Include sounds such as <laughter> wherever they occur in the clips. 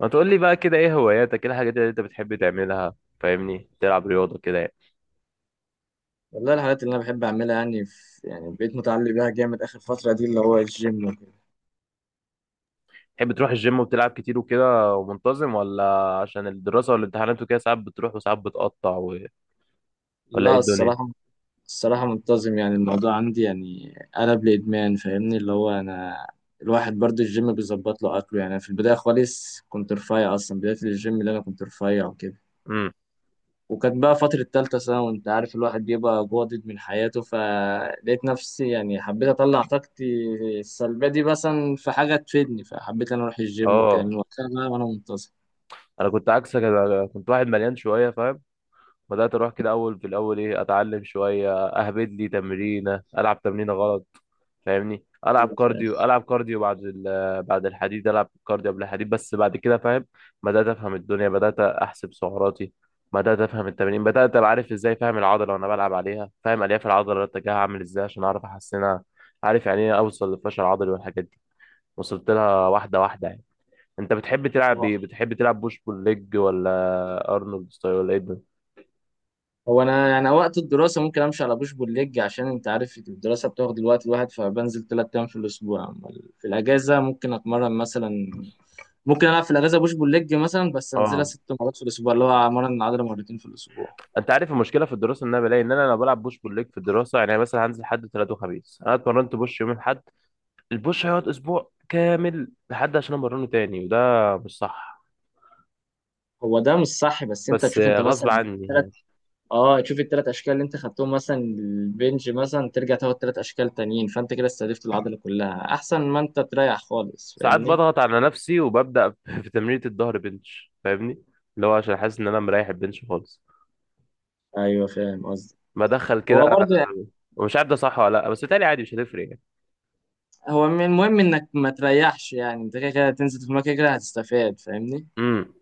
ما تقول لي بقى كده ايه هواياتك، ايه الحاجات اللي انت بتحب تعملها؟ فاهمني تلعب رياضة كده يعني. والله الحاجات اللي انا بحب اعملها يعني يعني بقيت متعلق بيها جامد اخر فتره دي اللي هو الجيم وكده. تحب تروح الجيم وبتلعب كتير وكده ومنتظم، ولا عشان الدراسة والامتحانات وكده ساعات بتروح وساعات بتقطع ولا ايه لا الدنيا؟ الصراحه منتظم، يعني الموضوع عندي يعني قلب لادمان فاهمني اللي هو انا الواحد برضه. الجيم بيظبط له اكله، يعني في البدايه خالص كنت رفيع، اصلا بدايه الجيم اللي انا كنت رفيع وكده. امم وكانت بقى فتره تالتة ثانوي، وانت عارف الواحد بيبقى جادد من حياته، فلقيت نفسي يعني حبيت اطلع طاقتي السلبيه دي مثلا في حاجه تفيدني، فحبيت انا اروح الجيم وكده، اه، من وقتها بقى وانا انا كنت عكسك، انا كنت واحد مليان شوية، فاهم. بدأت اروح كده اول، في الاول ايه، اتعلم شوية، اهبد لي تمرينة، العب تمرينة غلط. فاهمني العب منتظم. كارديو، العب كارديو بعد الحديد، العب كارديو قبل الحديد، بس بعد كده فاهم بدات افهم الدنيا، بدات احسب سعراتي، بدات افهم التمارين، بدات ابقى عارف ازاي، فاهم العضله وانا بلعب عليها، فاهم الياف العضله اتجاهها عامل ازاي عشان اعرف احسنها. عارف يعني ايه اوصل للفشل العضلي والحاجات دي، وصلت لها واحده واحده يعني. انت بتحب تلعب ايه؟ بتحب تلعب بوش بول ليج، ولا ارنولد ستايل، ولا ايه ده؟ هو انا يعني وقت الدراسه ممكن امشي على بوش بول ليج، عشان انت عارف الدراسه بتاخد الوقت الواحد، فبنزل ثلاث ايام في الاسبوع، أما في الاجازه ممكن اتمرن مثلا، ممكن العب في الاجازه بوش بول ليج مثلا، بس انزلها اه، ست مرات في الاسبوع، اللي هو امرن العضله مرتين في الاسبوع. انت عارف المشكله في الدراسه ان انا بلاقي ان انا لو بلعب بوش بول ليج في الدراسه يعني مثلا هنزل حد ثلاث وخميس، انا اتمرنت بوش يوم الاحد، البوش هيقعد اسبوع كامل لحد عشان امرنه تاني، وده مش صح، هو ده مش صح، بس انت بس تشوف انت غصب مثلا عني ثلاث. يعني. اه تشوف الثلاث اشكال اللي انت خدتهم مثلا البنج، مثلا ترجع تاخد ثلاث اشكال تانيين، فانت كده استهدفت العضله كلها احسن ما انت تريح خالص ساعات فاهمني. بضغط على نفسي وببدأ <laughs> في تمرينة الظهر بنش، فاهمني، اللي هو عشان حاسس ان انا مريح البنش خالص، ايوه فاهم قصدي. بدخل كده هو برضه. ومش عارف ده صح ولا لا، بس تاني عادي مش هتفرق يعني. المهم انك ما تريحش، يعني انت كده كده تنزل في المكان كده هتستفاد فاهمني. امم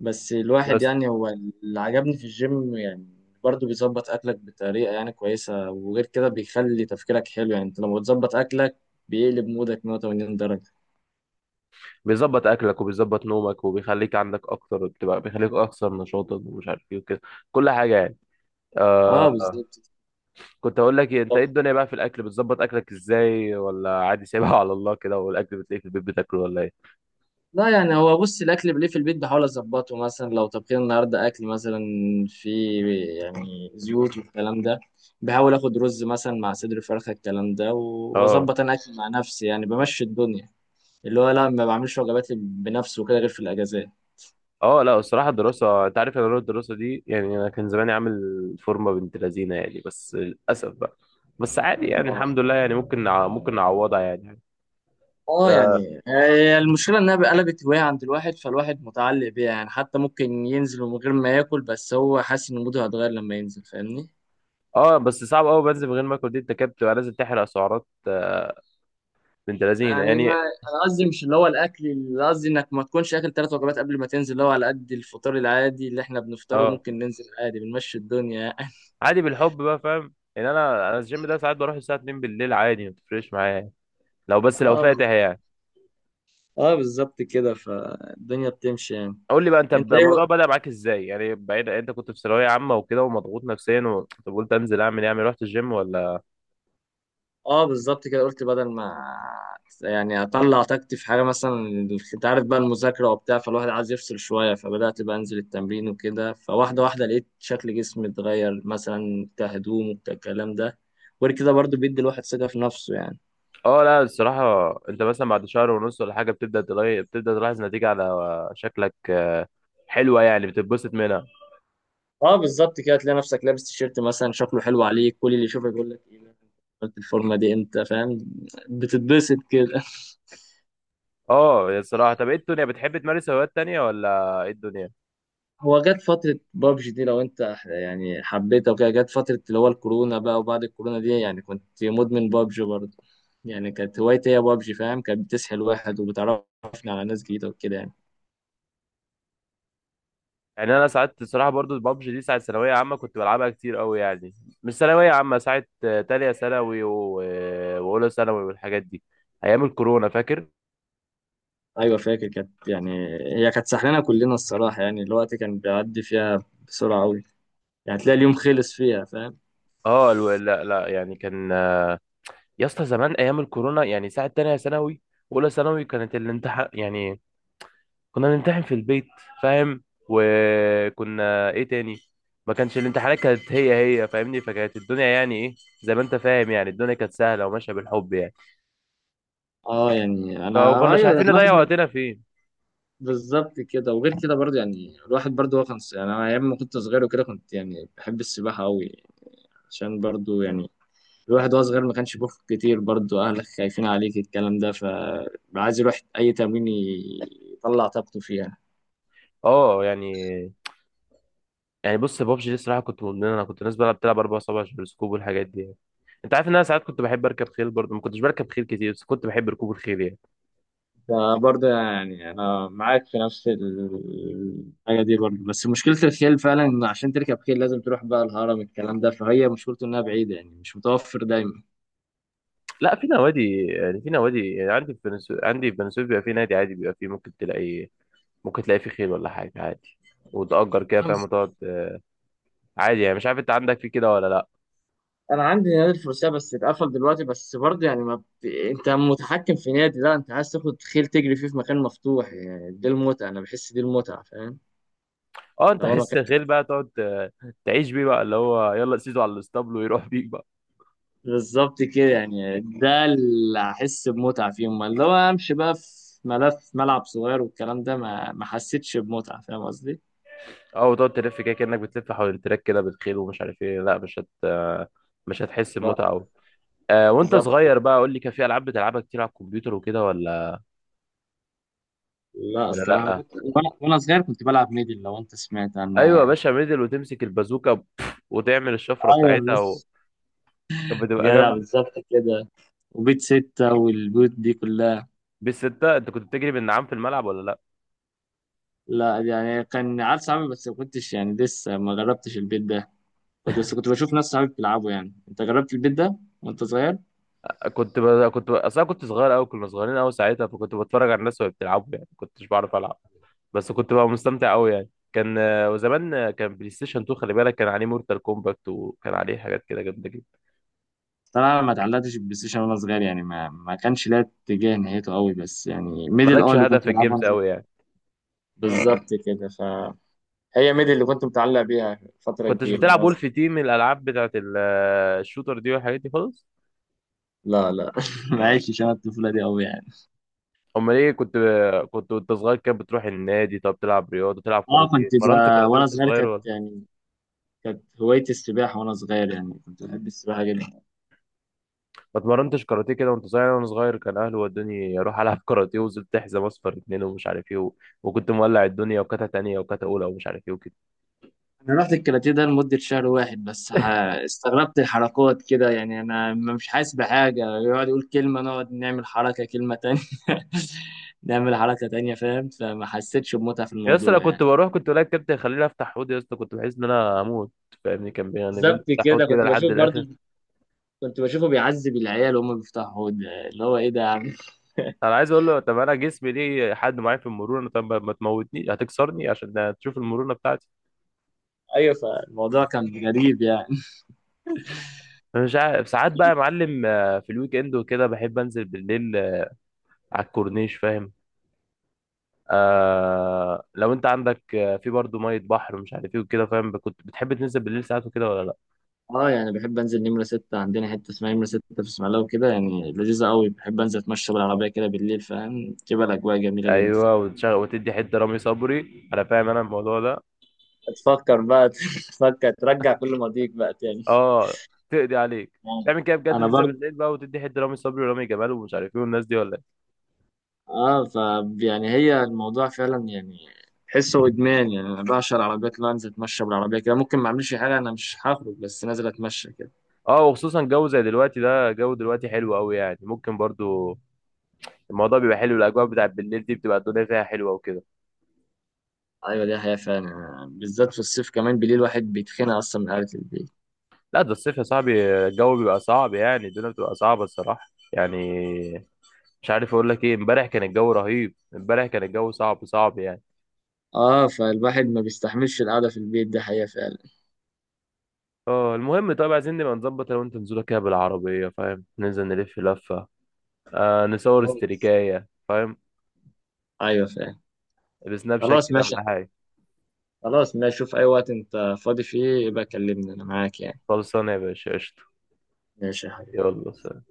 بس الواحد بس يعني هو اللي عجبني في الجيم يعني برضه بيظبط اكلك بطريقه يعني كويسه، وغير كده بيخلي تفكيرك حلو، يعني انت لما بتظبط اكلك بيقلب مودك 180 درجه. بيظبط اكلك، وبيظبط نومك، وبيخليك عندك اكتر، بتبقى بيخليك اكثر نشاطا ومش عارف ايه وكده، كل حاجه يعني. اه آه، بالظبط. كنت هقول لك إيه، انت ايه الدنيا بقى في الاكل؟ بتظبط اكلك ازاي، ولا عادي سايبها <laughs> على الله كده، والاكل بتلاقيه في البيت بتاكله، ولا ايه؟ لا يعني هو بص، الاكل بليه في البيت بحاول اظبطه، مثلا لو طبخنا النهارده اكل مثلا في يعني زيوت والكلام ده بحاول اخد رز مثلا مع صدر فرخه الكلام ده، اه، واظبط انا اكل مع نفسي يعني بمشي الدنيا، اللي هو لا ما بعملش وجبات بنفسي وكده غير في الاجازات. اه لا الصراحه الدراسه، انت عارف انا روح الدراسه دي يعني، انا كان زماني عامل فورمه بنت لذينه يعني، بس للاسف بقى. بس عادي يعني، الحمد آه. لله يعني، ممكن ممكن نعوضها يعني. اه اه، يعني هي المشكله انها قلبت هوايه عند الواحد، فالواحد متعلق بيها يعني، حتى ممكن ينزل من غير ما ياكل بس هو حاسس ان موده هيتغير لما ينزل فاهمني. آه، بس صعب قوي بنزل من غير ما اكل، دي انت كده بتبقى لازم تحرق سعرات. آه، بنت لذينه يعني ما يعني. انا قصدي مش اللي هو الاكل، اللي قصدي انك ما تكونش اكل ثلاث وجبات قبل ما تنزل، اللي هو على قد الفطار العادي اللي احنا بنفطره اه، ممكن ننزل عادي بنمشي الدنيا يعني. عادي بالحب بقى، فاهم يعني، انا الجيم ده ساعات بروح الساعه 2 بالليل عادي، ما بتفرقش معايا يعني. لو بس <laughs> لو اه ب- فاتح يعني. اه بالظبط كده، فالدنيا بتمشي يعني. قول لي بقى، انت ايه. الموضوع بدأ معاك ازاي يعني؟ بعيد انت كنت في ثانوية عامة وكده ومضغوط نفسيا طب قلت انزل اعمل ايه، اعمل إيه؟ رحت الجيم، ولا اه بالظبط كده قلت بدل ما يعني اطلع طاقتي في حاجه مثلا، انت عارف بقى المذاكره وبتاع، فالواحد عايز يفصل شويه، فبدات بقى انزل التمرين وكده، فواحده واحده لقيت شكل جسمي اتغير مثلا كهدوم وكالكلام ده، غير كده برضو بيدي الواحد ثقه في نفسه يعني. اه؟ لا الصراحة، انت مثلا بعد شهر ونص ولا حاجة بتبدأ تلاقي، بتبدأ تلاحظ نتيجة على شكلك. آه، حلوة يعني، بتتبسط منها. اه بالظبط كده، تلاقي نفسك لابس تيشيرت مثلا شكله حلو عليك، كل اللي يشوفك يقول لك ايه ده؟ قلت الفورمه دي امتى فاهم. بتتبسط كده <laughs> اه، يا الصراحة طب ايه الدنيا؟ بتحب تمارس هوايات تانية، ولا ايه الدنيا؟ هو جت فتره بابجي دي لو انت يعني حبيتها وكده، جت فتره اللي هو الكورونا بقى، وبعد الكورونا دي يعني كنت مدمن بابجي برضه، يعني كانت هوايتي هي بابجي فاهم، كانت بتسحل واحد وبتعرفني على ناس جديده وكده يعني. يعني انا ساعات الصراحة برضو البابجي دي، ساعة ثانوية عامة كنت بلعبها كتير قوي يعني. مش ثانوية عامة، ساعة آه، تانية ثانوي واولى ثانوي والحاجات دي، ايام الكورونا فاكر؟ ايوه فاكر، كانت يعني هي كانت سحلانه كلنا الصراحه، يعني الوقت كان بيعدي فيها بسرعه قوي، يعني تلاقي اليوم خلص فيها فاهم. اه لا لا يعني كان. يا اسطى زمان ايام الكورونا، يعني ساعه تانية ثانوي واولى ثانوي، كانت الامتحان يعني كنا بنمتحن في البيت، فاهم. وكنا ايه تاني، ما كانش الامتحانات كانت هي فاهمني، فكانت الدنيا يعني ايه، زي ما انت فاهم يعني، الدنيا كانت سهله وماشيه بالحب يعني، اه يعني فما انا كناش ايوه عارفين نضيع الواحد وقتنا فين. بالظبط كده. وغير كده برضه يعني الواحد برضه هو كان، يعني انا ايام ما كنت صغير وكده كنت يعني بحب السباحه قوي، عشان برضه يعني الواحد وهو صغير ما كانش بيخرج كتير، برضه اهلك خايفين عليك الكلام ده، فعايز يروح اي تمرين يطلع طاقته فيها. اه يعني، يعني بص بابجي دي الصراحه كنت مدمن، انا كنت، الناس بقى بتلعب اربع صوابع سكوب والحاجات دي يعني. انت عارف ان انا ساعات كنت بحب اركب خيل برضه، ما كنتش بركب خيل كتير بس كنت بحب ركوب الخيل يعني. فبرضه يعني انا معاك في نفس الحاجه دي، برضه بس مشكله الخيل فعلا ان عشان تركب خيل لازم تروح بقى الهرم الكلام ده، فهي مشكلته انها بعيده يعني مش متوفر دايما. لا في نوادي يعني، في نوادي يعني، عندي في بنسوب بيبقى في نادي عادي، بيبقى فيه ممكن تلاقي، ممكن تلاقي فيه خيل ولا حاجة عادي، وتأجر كده فاهم، وتقعد. آه، عادي يعني، مش عارف انت عندك في كده ولا لا. انا عندي نادي الفروسية بس اتقفل دلوقتي، بس برضه يعني ما انت متحكم في نادي، لا انت عايز تاخد خيل تجري فيه في مكان مفتوح، يعني دي المتعة، انا بحس دي المتعة فاهم، اه، انت اللي هو حس مكان. الخيل بقى تقعد، آه، تعيش بيه بقى، اللي هو يلا سيده على الاسطبل ويروح بيك بقى. بالظبط كده، يعني ده اللي احس بمتعة فيه، امال لو امشي بقى في ملف ملعب صغير والكلام ده ما حسيتش بمتعة، فاهم قصدي. اه، وتقعد تلف كده كأنك بتلف حول التراك كده بالخيل ومش عارف ايه، لا مش هت آه، مش هتحس لا. بمتعة قوي. آه، وانت بالظبط. صغير بقى قول لي، كان في العاب بتلعبها كتير على الكمبيوتر وكده، ولا؟ لا ولا الصراحة، لا؟ كنت- وانا وأنا صغير كنت بلعب ميدل، لو انت سمعت عنها ايوه يا يعني. باشا ميدل، وتمسك البازوكه بف، وتعمل الشفره ايوه بتاعتها مش كانت بتبقى جدع، جنب. بالظبط كده، وبيت ستة والبيوت دي كلها. بالستة انت كنت بتجري بالنعام في الملعب ولا لا؟ لا يعني كان عارف صعب بس ما كنتش يعني لسه ما جربتش البيت ده، كنت بس كنت بشوف ناس صحابي بيلعبوا يعني، انت جربت البيت ده وانت صغير؟ اصل انا كنت صغير قوي، كنا صغيرين قوي ساعتها، فكنت بتفرج على الناس وهي بتلعبوا يعني، ما كنتش بعرف العب، بس كنت بقى مستمتع قوي يعني. كان آه، وزمان آه، كان بلاي ستيشن 2، خلي بالك كان عليه مورتال كومباكت، وكان عليه حاجات كده جامده جدا. طبعا ما اتعلقتش بالبلاي ستيشن وانا صغير يعني ما كانش ليا اتجاه نهايته قوي، بس يعني ميدل اه مالكش اللي هدف كنت في بلعبها وأنا الجيمز صغير. قوي يعني؟ بالظبط كده، فهي ميدل اللي كنت متعلق بيها ما فترة كنتش كبيرة بتلعب وأنا صغير. وولف تيم، الالعاب بتاعت آه، الشوتر دي والحاجات دي خالص؟ لا لا <laughs> ما عشتش انا الطفولة دي قوي يعني. امال ايه كنت، كنت وانت صغير كده بتروح النادي؟ طب تلعب رياضه، تلعب اه كاراتيه، اتمرنت كاراتيه وانا وانت صغير صغير كانت ولا؟ يعني كانت هوايتي السباحة وانا صغير، يعني كنت بحب السباحة جدا. ما اتمرنتش كاراتيه كده وانت صغير؟ وانا صغير كان اهلي ودوني اروح العب <laughs> كاراتيه، وزلت حزام اصفر اتنين ومش عارف ايه وكنت مولع الدنيا، وكاتا تانية وكاتا اولى ومش عارف ايه وكده. انا رحت الكاراتيه ده لمده شهر واحد بس. استغربت الحركات كده يعني، انا مش حاسس بحاجه، يقعد يقول كلمه نقعد نعمل حركه، كلمه تانية <laughs> نعمل حركه تانية فاهم، فما حسيتش بمتعه في يا اسطى انا الموضوع كنت يعني. بروح، كنت الاقي الكابتن يخليني افتح حوض، يا اسطى كنت بحس ان انا هموت، فاهمني. يعني بيقول لي بالظبط افتح حوض كده، كده كنت لحد بشوف برضو، الاخر. كنت بشوفه بيعذب العيال وهم بيفتحوا حوض، اللي هو ايه ده يا عم. انا عايز اقول له طب انا جسمي ليه حد معايا في المرونه، طب ما تموتني، هتكسرني عشان تشوف المرونه بتاعتي. <laughs> ايوه فالموضوع كان غريب يعني. أنا مش عارف ساعات بقى يا معلم، آه، في الويك اند وكده بحب انزل بالليل، آه، على الكورنيش، فاهم. آه، لو انت عندك آه، في برضه ميه بحر ومش عارف ايه وكده، فاهم، كنت بتحب تنزل بالليل ساعات وكده ولا لا؟ اه يعني بحب انزل نمره ستة، عندنا حته اسمها نمره ستة في اسماعيليه وكده، يعني لذيذه قوي، بحب انزل اتمشى بالعربيه كده بالليل فاهم، تبقى الاجواء جميله جدا. ايوه وتشغل وتدي حته رامي صبري، انا فاهم انا الموضوع ده. تفكر بقى <laughs> تفكر ترجع كل ماضيك بقى تاني. اه، تقضي عليك آه. تعمل كده بجد، انا تنزل برضه. بالليل بقى وتدي حته رامي صبري ورامي جمال ومش عارف ايه والناس دي، ولا ايه؟ اه ف يعني هي الموضوع فعلا يعني تحسه ادمان، يعني انا بعشق العربيات اللي أنا انزل اتمشى بالعربيه كده، ممكن ما اعملش حاجه، انا مش هخرج بس نازل اتمشى كده. اه، وخصوصا جو زي دلوقتي ده، جو دلوقتي حلو قوي يعني، ممكن برضه الموضوع بيبقى حلو، الاجواء بتاعت بالليل دي بتبقى الدنيا فيها حلوه وكده. ايوه دي حقيقه فعلا، بالذات في الصيف كمان بالليل الواحد بيتخنق اصلا من قعده البيت. لا ده الصيف يا صاحبي الجو بيبقى صعب يعني، الدنيا بتبقى صعبة الصراحة يعني، مش عارف اقول لك ايه، امبارح كان الجو رهيب، امبارح كان الجو صعب صعب يعني. اه فالواحد ما بيستحملش القعده في البيت دي حقيقه فعلا. اه، المهم طيب، عايزين نبقى نظبط لو انت نزوله كده بالعربية فاهم، ننزل نلف لفة، آه، نصور استريكاية، فاهم، ايوه فعلا. بسناب شات خلاص كده ماشي. ولا حاجة. خلاص ماشي، شوف اي وقت انت فاضي فيه يبقى كلمني انا معاك يعني. خلصانة يا باشا، قشطة. ماشي يا حبيبي. يلا سلام.